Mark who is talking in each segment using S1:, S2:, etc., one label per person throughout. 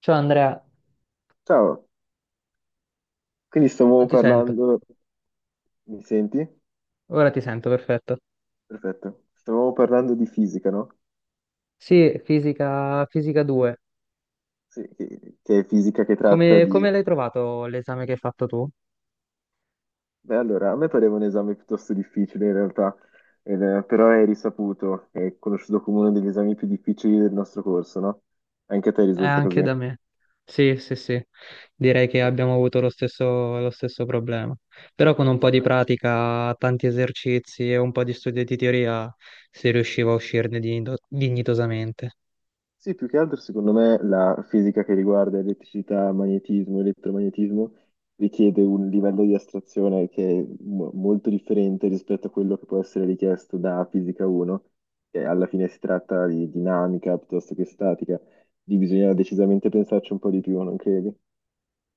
S1: Ciao Andrea,
S2: Ciao, quindi stavamo
S1: non ti sento.
S2: parlando, mi senti?
S1: Ora ti sento, perfetto.
S2: Perfetto, stavamo parlando di fisica, no?
S1: Sì, fisica, fisica 2.
S2: Sì, che è fisica che tratta
S1: Come,
S2: di...
S1: come l'hai trovato l'esame che hai fatto tu?
S2: Beh, allora, a me pareva un esame piuttosto difficile in realtà, però è risaputo, è conosciuto come uno degli esami più difficili del nostro corso, no? Anche a te risulta
S1: Anche
S2: così?
S1: da me. Sì, sì, sì. Direi che
S2: Sì.
S1: abbiamo avuto lo stesso problema. Però con un
S2: Ma
S1: po' di pratica, tanti esercizi e un po' di studio di teoria si riusciva a uscirne dignitosamente.
S2: sì, più che altro secondo me la fisica che riguarda elettricità, magnetismo, elettromagnetismo richiede un livello di astrazione che è molto differente rispetto a quello che può essere richiesto da fisica 1, che alla fine si tratta di dinamica piuttosto che statica, di bisogna decisamente pensarci un po' di più, non credi?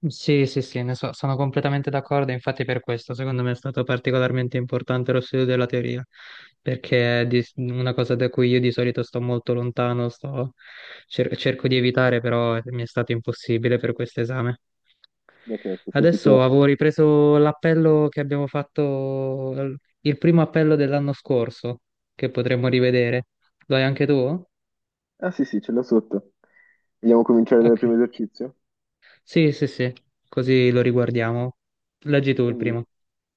S1: Sì, sì, sì, sono completamente d'accordo, infatti per questo secondo me è stato particolarmente importante lo studio della teoria, perché una cosa da cui io di solito sto molto lontano, cerco di evitare, però mi è stato impossibile per questo esame.
S2: Beh, certo, se si
S1: Adesso
S2: può.
S1: avevo ripreso l'appello che abbiamo fatto, il primo appello dell'anno scorso, che potremmo rivedere. Lo hai anche tu?
S2: Ah sì, sì, ce l'ho sotto. Vogliamo cominciare dal
S1: Ok.
S2: primo esercizio?
S1: Sì, sì, sì, così lo riguardiamo. Leggi tu il
S2: Quindi
S1: primo.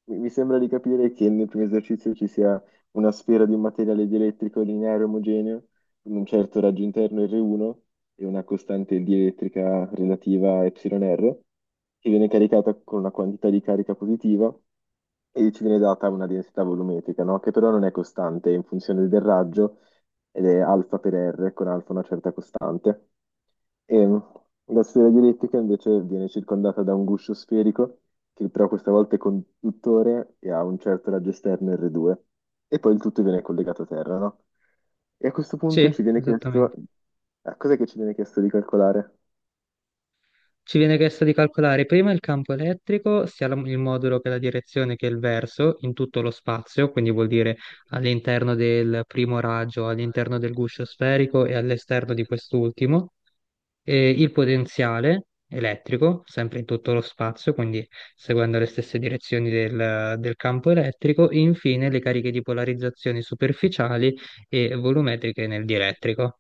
S2: mi sembra di capire che nel primo esercizio ci sia una sfera di un materiale dielettrico lineare omogeneo con un certo raggio interno R1 e una costante dielettrica relativa a εr che viene caricata con una quantità di carica positiva e ci viene data una densità volumetrica, no? Che però non è costante, è in funzione del raggio ed è alfa per R con alfa una certa costante. E mm, la sfera dielettrica invece viene circondata da un guscio sferico che però questa volta è conduttore e ha un certo raggio esterno R2 e poi il tutto viene collegato a terra, no? E a questo punto
S1: Sì,
S2: ci viene chiesto,
S1: esattamente.
S2: a cos'è che ci viene chiesto di calcolare?
S1: Ci viene chiesto di calcolare prima il campo elettrico, sia il modulo che la direzione che il verso, in tutto lo spazio, quindi vuol dire all'interno del primo raggio, all'interno del guscio sferico e all'esterno di quest'ultimo, e il potenziale elettrico, sempre in tutto lo spazio, quindi seguendo le stesse direzioni del campo elettrico, e infine le cariche di polarizzazione superficiali e volumetriche nel dielettrico,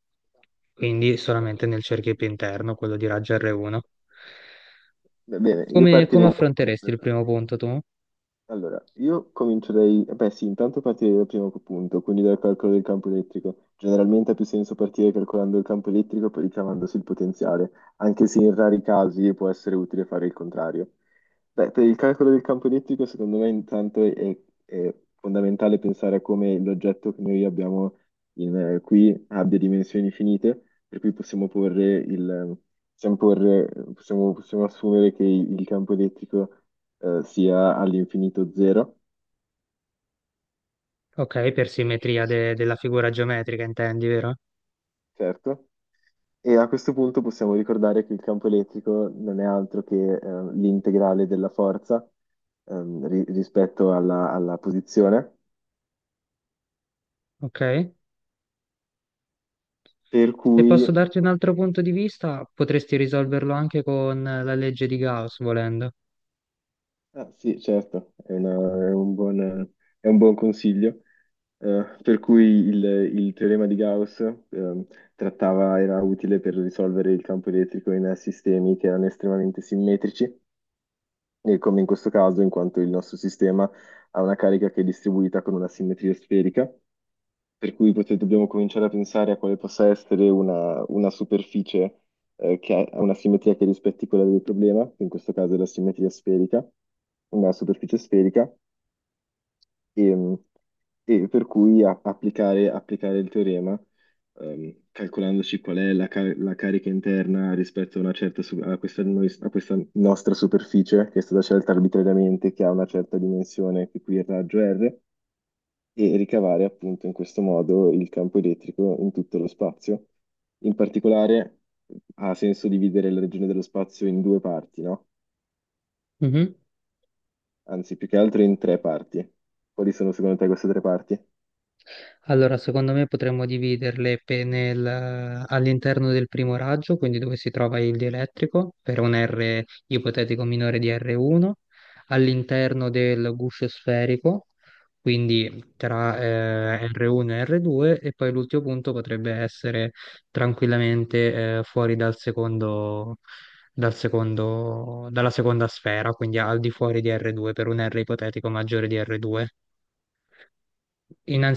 S1: quindi solamente nel cerchio più interno, quello di raggio R1.
S2: Va bene, io
S1: Come
S2: partirei
S1: affronteresti il primo punto tu?
S2: Allora, io comincio dai... Beh sì, intanto partirei dal primo punto, quindi dal calcolo del campo elettrico. Generalmente ha più senso partire calcolando il campo elettrico e poi ricavandosi il potenziale, anche se in rari casi può essere utile fare il contrario. Beh, per il calcolo del campo elettrico, secondo me intanto è fondamentale pensare a come l'oggetto che noi abbiamo qui abbia dimensioni finite, per cui possiamo porre il... Possiamo, porre- possiamo possiamo assumere che il campo elettrico sia all'infinito zero,
S1: Ok, per simmetria della figura geometrica intendi, vero?
S2: certo. E a questo punto possiamo ricordare che il campo elettrico non è altro che l'integrale della forza, rispetto alla posizione,
S1: Ok.
S2: per
S1: Se
S2: cui,
S1: posso darti un altro punto di vista, potresti risolverlo anche con la legge di Gauss, volendo.
S2: ah, sì, certo, è un buon consiglio, per cui il teorema di Gauss trattava, era utile per risolvere il campo elettrico in sistemi che erano estremamente simmetrici e come in questo caso, in quanto il nostro sistema ha una carica che è distribuita con una simmetria sferica, per cui dobbiamo cominciare a pensare a quale possa essere una superficie che ha una simmetria che rispetti quella del problema, che in questo caso è la simmetria sferica, una superficie sferica, e, e per cui applicare il teorema calcolandoci qual è la carica interna rispetto una certa a questa nostra superficie che è stata scelta arbitrariamente, che ha una certa dimensione, che qui è il raggio R, e ricavare appunto in questo modo il campo elettrico in tutto lo spazio. In particolare ha senso dividere la regione dello spazio in due parti, no?
S1: Mhm.
S2: Anzi, più che altro in tre parti. Quali sono secondo te queste tre parti?
S1: Allora, secondo me potremmo dividerle all'interno del primo raggio, quindi dove si trova il dielettrico, per un R ipotetico minore di R1, all'interno del guscio sferico, quindi tra R1 e R2, e poi l'ultimo punto potrebbe essere tranquillamente fuori dal secondo, dalla seconda sfera, quindi al di fuori di R2, per un R ipotetico maggiore di R2.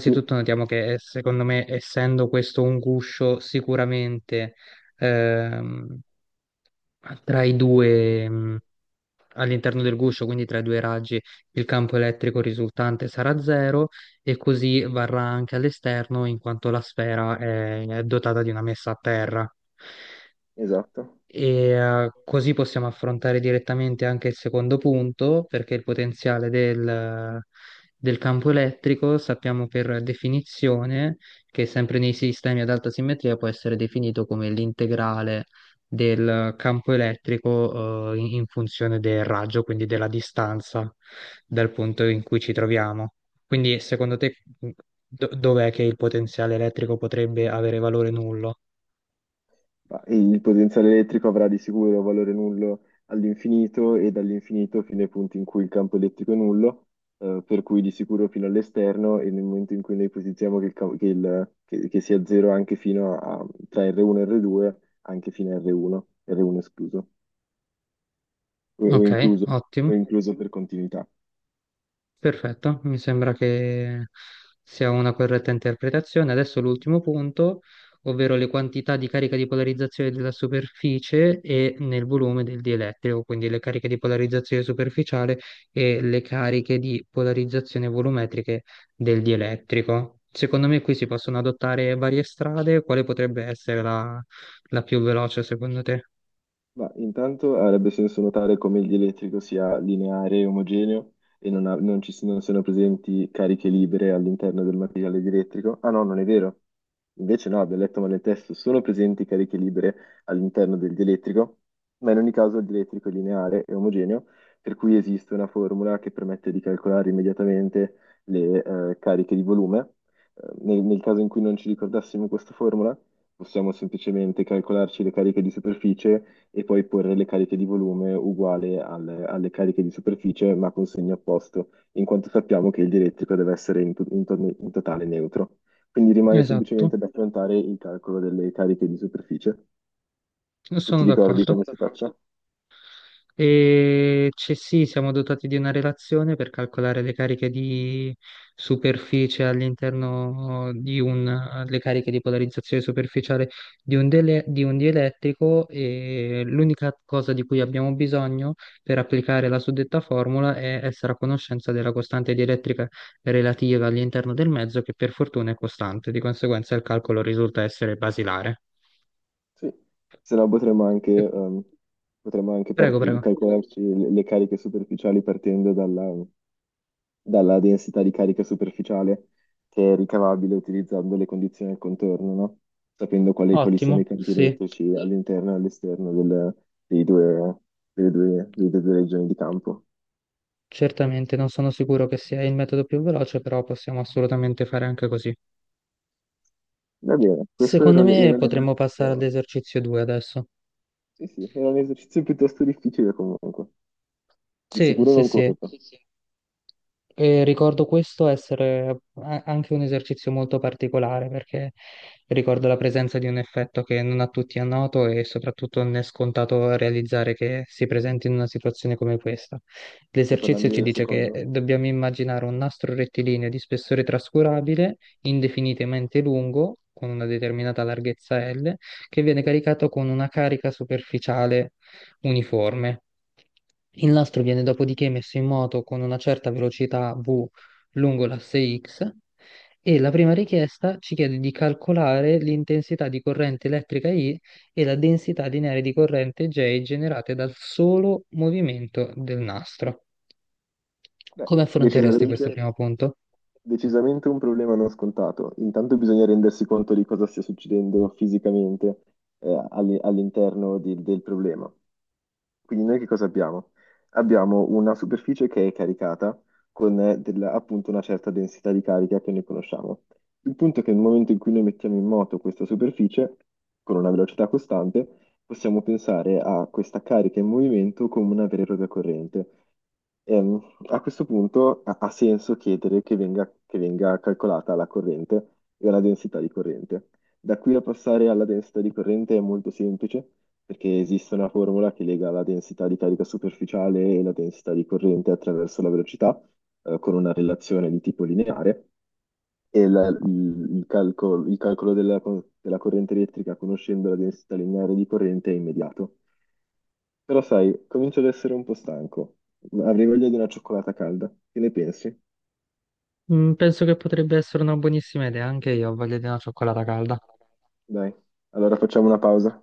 S2: Sì,
S1: notiamo che secondo me, essendo questo un guscio, sicuramente ehm, tra i due, all'interno del guscio, quindi tra i due raggi, il campo elettrico risultante sarà zero e così varrà anche all'esterno, in quanto la sfera è dotata di una messa a terra.
S2: esatto.
S1: E così possiamo affrontare direttamente anche il secondo punto, perché il potenziale del campo elettrico sappiamo per definizione che sempre nei sistemi ad alta simmetria può essere definito come l'integrale del campo elettrico, in funzione del raggio, quindi della distanza dal punto in cui ci troviamo. Quindi, secondo te, mm, dov'è che il potenziale elettrico potrebbe avere valore nullo?
S2: Ma il potenziale elettrico avrà di sicuro valore nullo all'infinito e dall'infinito fino ai punti in cui il campo elettrico è nullo, per cui di sicuro fino all'esterno e nel momento in cui noi ipotizziamo che, il cam- che il- che sia zero anche fino a, tra R1 e R2, anche fino a R1, R1 escluso, o, o
S1: Ok,
S2: incluso,
S1: ottimo.
S2: o incluso per continuità.
S1: Perfetto, mi sembra che sia una corretta interpretazione. Adesso l'ultimo punto, ovvero le quantità di carica di polarizzazione della superficie e nel volume del dielettrico, quindi le cariche di polarizzazione superficiale e le cariche di polarizzazione volumetriche del dielettrico. Secondo me qui si possono adottare varie strade, quale potrebbe essere la, la più veloce secondo te?
S2: Ma intanto avrebbe senso notare come il dielettrico sia lineare e omogeneo e non ci siano, non siano presenti cariche libere all'interno del materiale dielettrico. Ah no, non è vero. Invece no, abbiamo letto male il testo, sono presenti cariche libere all'interno del dielettrico, ma in ogni caso il dielettrico è lineare e omogeneo, per cui esiste una formula che permette di calcolare immediatamente le cariche di volume. Nel nel caso in cui non ci ricordassimo questa formula, possiamo semplicemente calcolarci le cariche di superficie e poi porre le cariche di volume uguale alle cariche di superficie, ma con segno opposto, in quanto sappiamo che il dielettrico deve essere in totale neutro. Quindi rimane
S1: Esatto,
S2: semplicemente da affrontare il calcolo delle cariche di superficie. Tu
S1: sono
S2: ti ricordi
S1: d'accordo.
S2: come si faccia?
S1: E c'è sì, siamo dotati di una relazione per calcolare le cariche di superficie all'interno di un, le cariche di polarizzazione superficiale di un, di un dielettrico e l'unica cosa di cui abbiamo bisogno per applicare la suddetta formula è essere a conoscenza della costante dielettrica relativa all'interno del mezzo che per fortuna è costante, di conseguenza il calcolo risulta essere basilare.
S2: Sì, se no potremmo potremmo anche
S1: Prego, prego.
S2: calcolarci le cariche superficiali partendo dalla densità di carica superficiale che è ricavabile utilizzando le condizioni al contorno, no? Sapendo quali sono i
S1: Ottimo,
S2: campi
S1: sì.
S2: elettrici all'interno e all'esterno dei due, delle due regioni di campo.
S1: Certamente, non sono sicuro che sia il metodo più veloce, però possiamo assolutamente fare anche così.
S2: Va bene, questo era
S1: Secondo me
S2: era un
S1: potremmo passare
S2: esercizio,
S1: all'esercizio 2 adesso.
S2: sì, sì, era un esercizio piuttosto difficile comunque, di
S1: Sì,
S2: sicuro
S1: sì,
S2: non
S1: sì.
S2: corto.
S1: E ricordo questo essere anche un esercizio molto particolare perché ricordo la presenza di un effetto che non a tutti è noto e soprattutto non è scontato realizzare che si presenti in una situazione come questa.
S2: Stai
S1: L'esercizio
S2: parlando
S1: ci
S2: del
S1: dice che
S2: secondo?
S1: dobbiamo immaginare un nastro rettilineo di spessore trascurabile, indefinitamente lungo, con una determinata larghezza L, che viene caricato con una carica superficiale uniforme. Il nastro viene dopodiché messo in moto con una certa velocità v lungo l'asse x e la prima richiesta ci chiede di calcolare l'intensità di corrente elettrica I e la densità lineare di corrente J generate dal solo movimento del nastro.
S2: Beh,
S1: Come affronteresti questo
S2: decisamente,
S1: primo punto?
S2: decisamente un problema non scontato. Intanto bisogna rendersi conto di cosa stia succedendo fisicamente del problema. Quindi noi che cosa abbiamo? Abbiamo una superficie che è caricata con appunto una certa densità di carica che noi conosciamo. Il punto è che nel momento in cui noi mettiamo in moto questa superficie con una velocità costante, possiamo pensare a questa carica in movimento come una vera e propria corrente. Ehm, A questo punto ha senso chiedere che venga calcolata la corrente e la densità di corrente. Da qui a passare alla densità di corrente è molto semplice, perché esiste una formula che lega la densità di carica superficiale e la densità di corrente attraverso la velocità con una relazione di tipo lineare e il calcolo della corrente elettrica conoscendo la densità lineare di corrente è immediato. Però sai, comincio ad essere un po' stanco. Avrei voglia di una cioccolata calda. Che ne pensi?
S1: Mm, penso che potrebbe essere una buonissima idea, anche io ho voglia di una cioccolata calda.
S2: Dai, allora facciamo una pausa.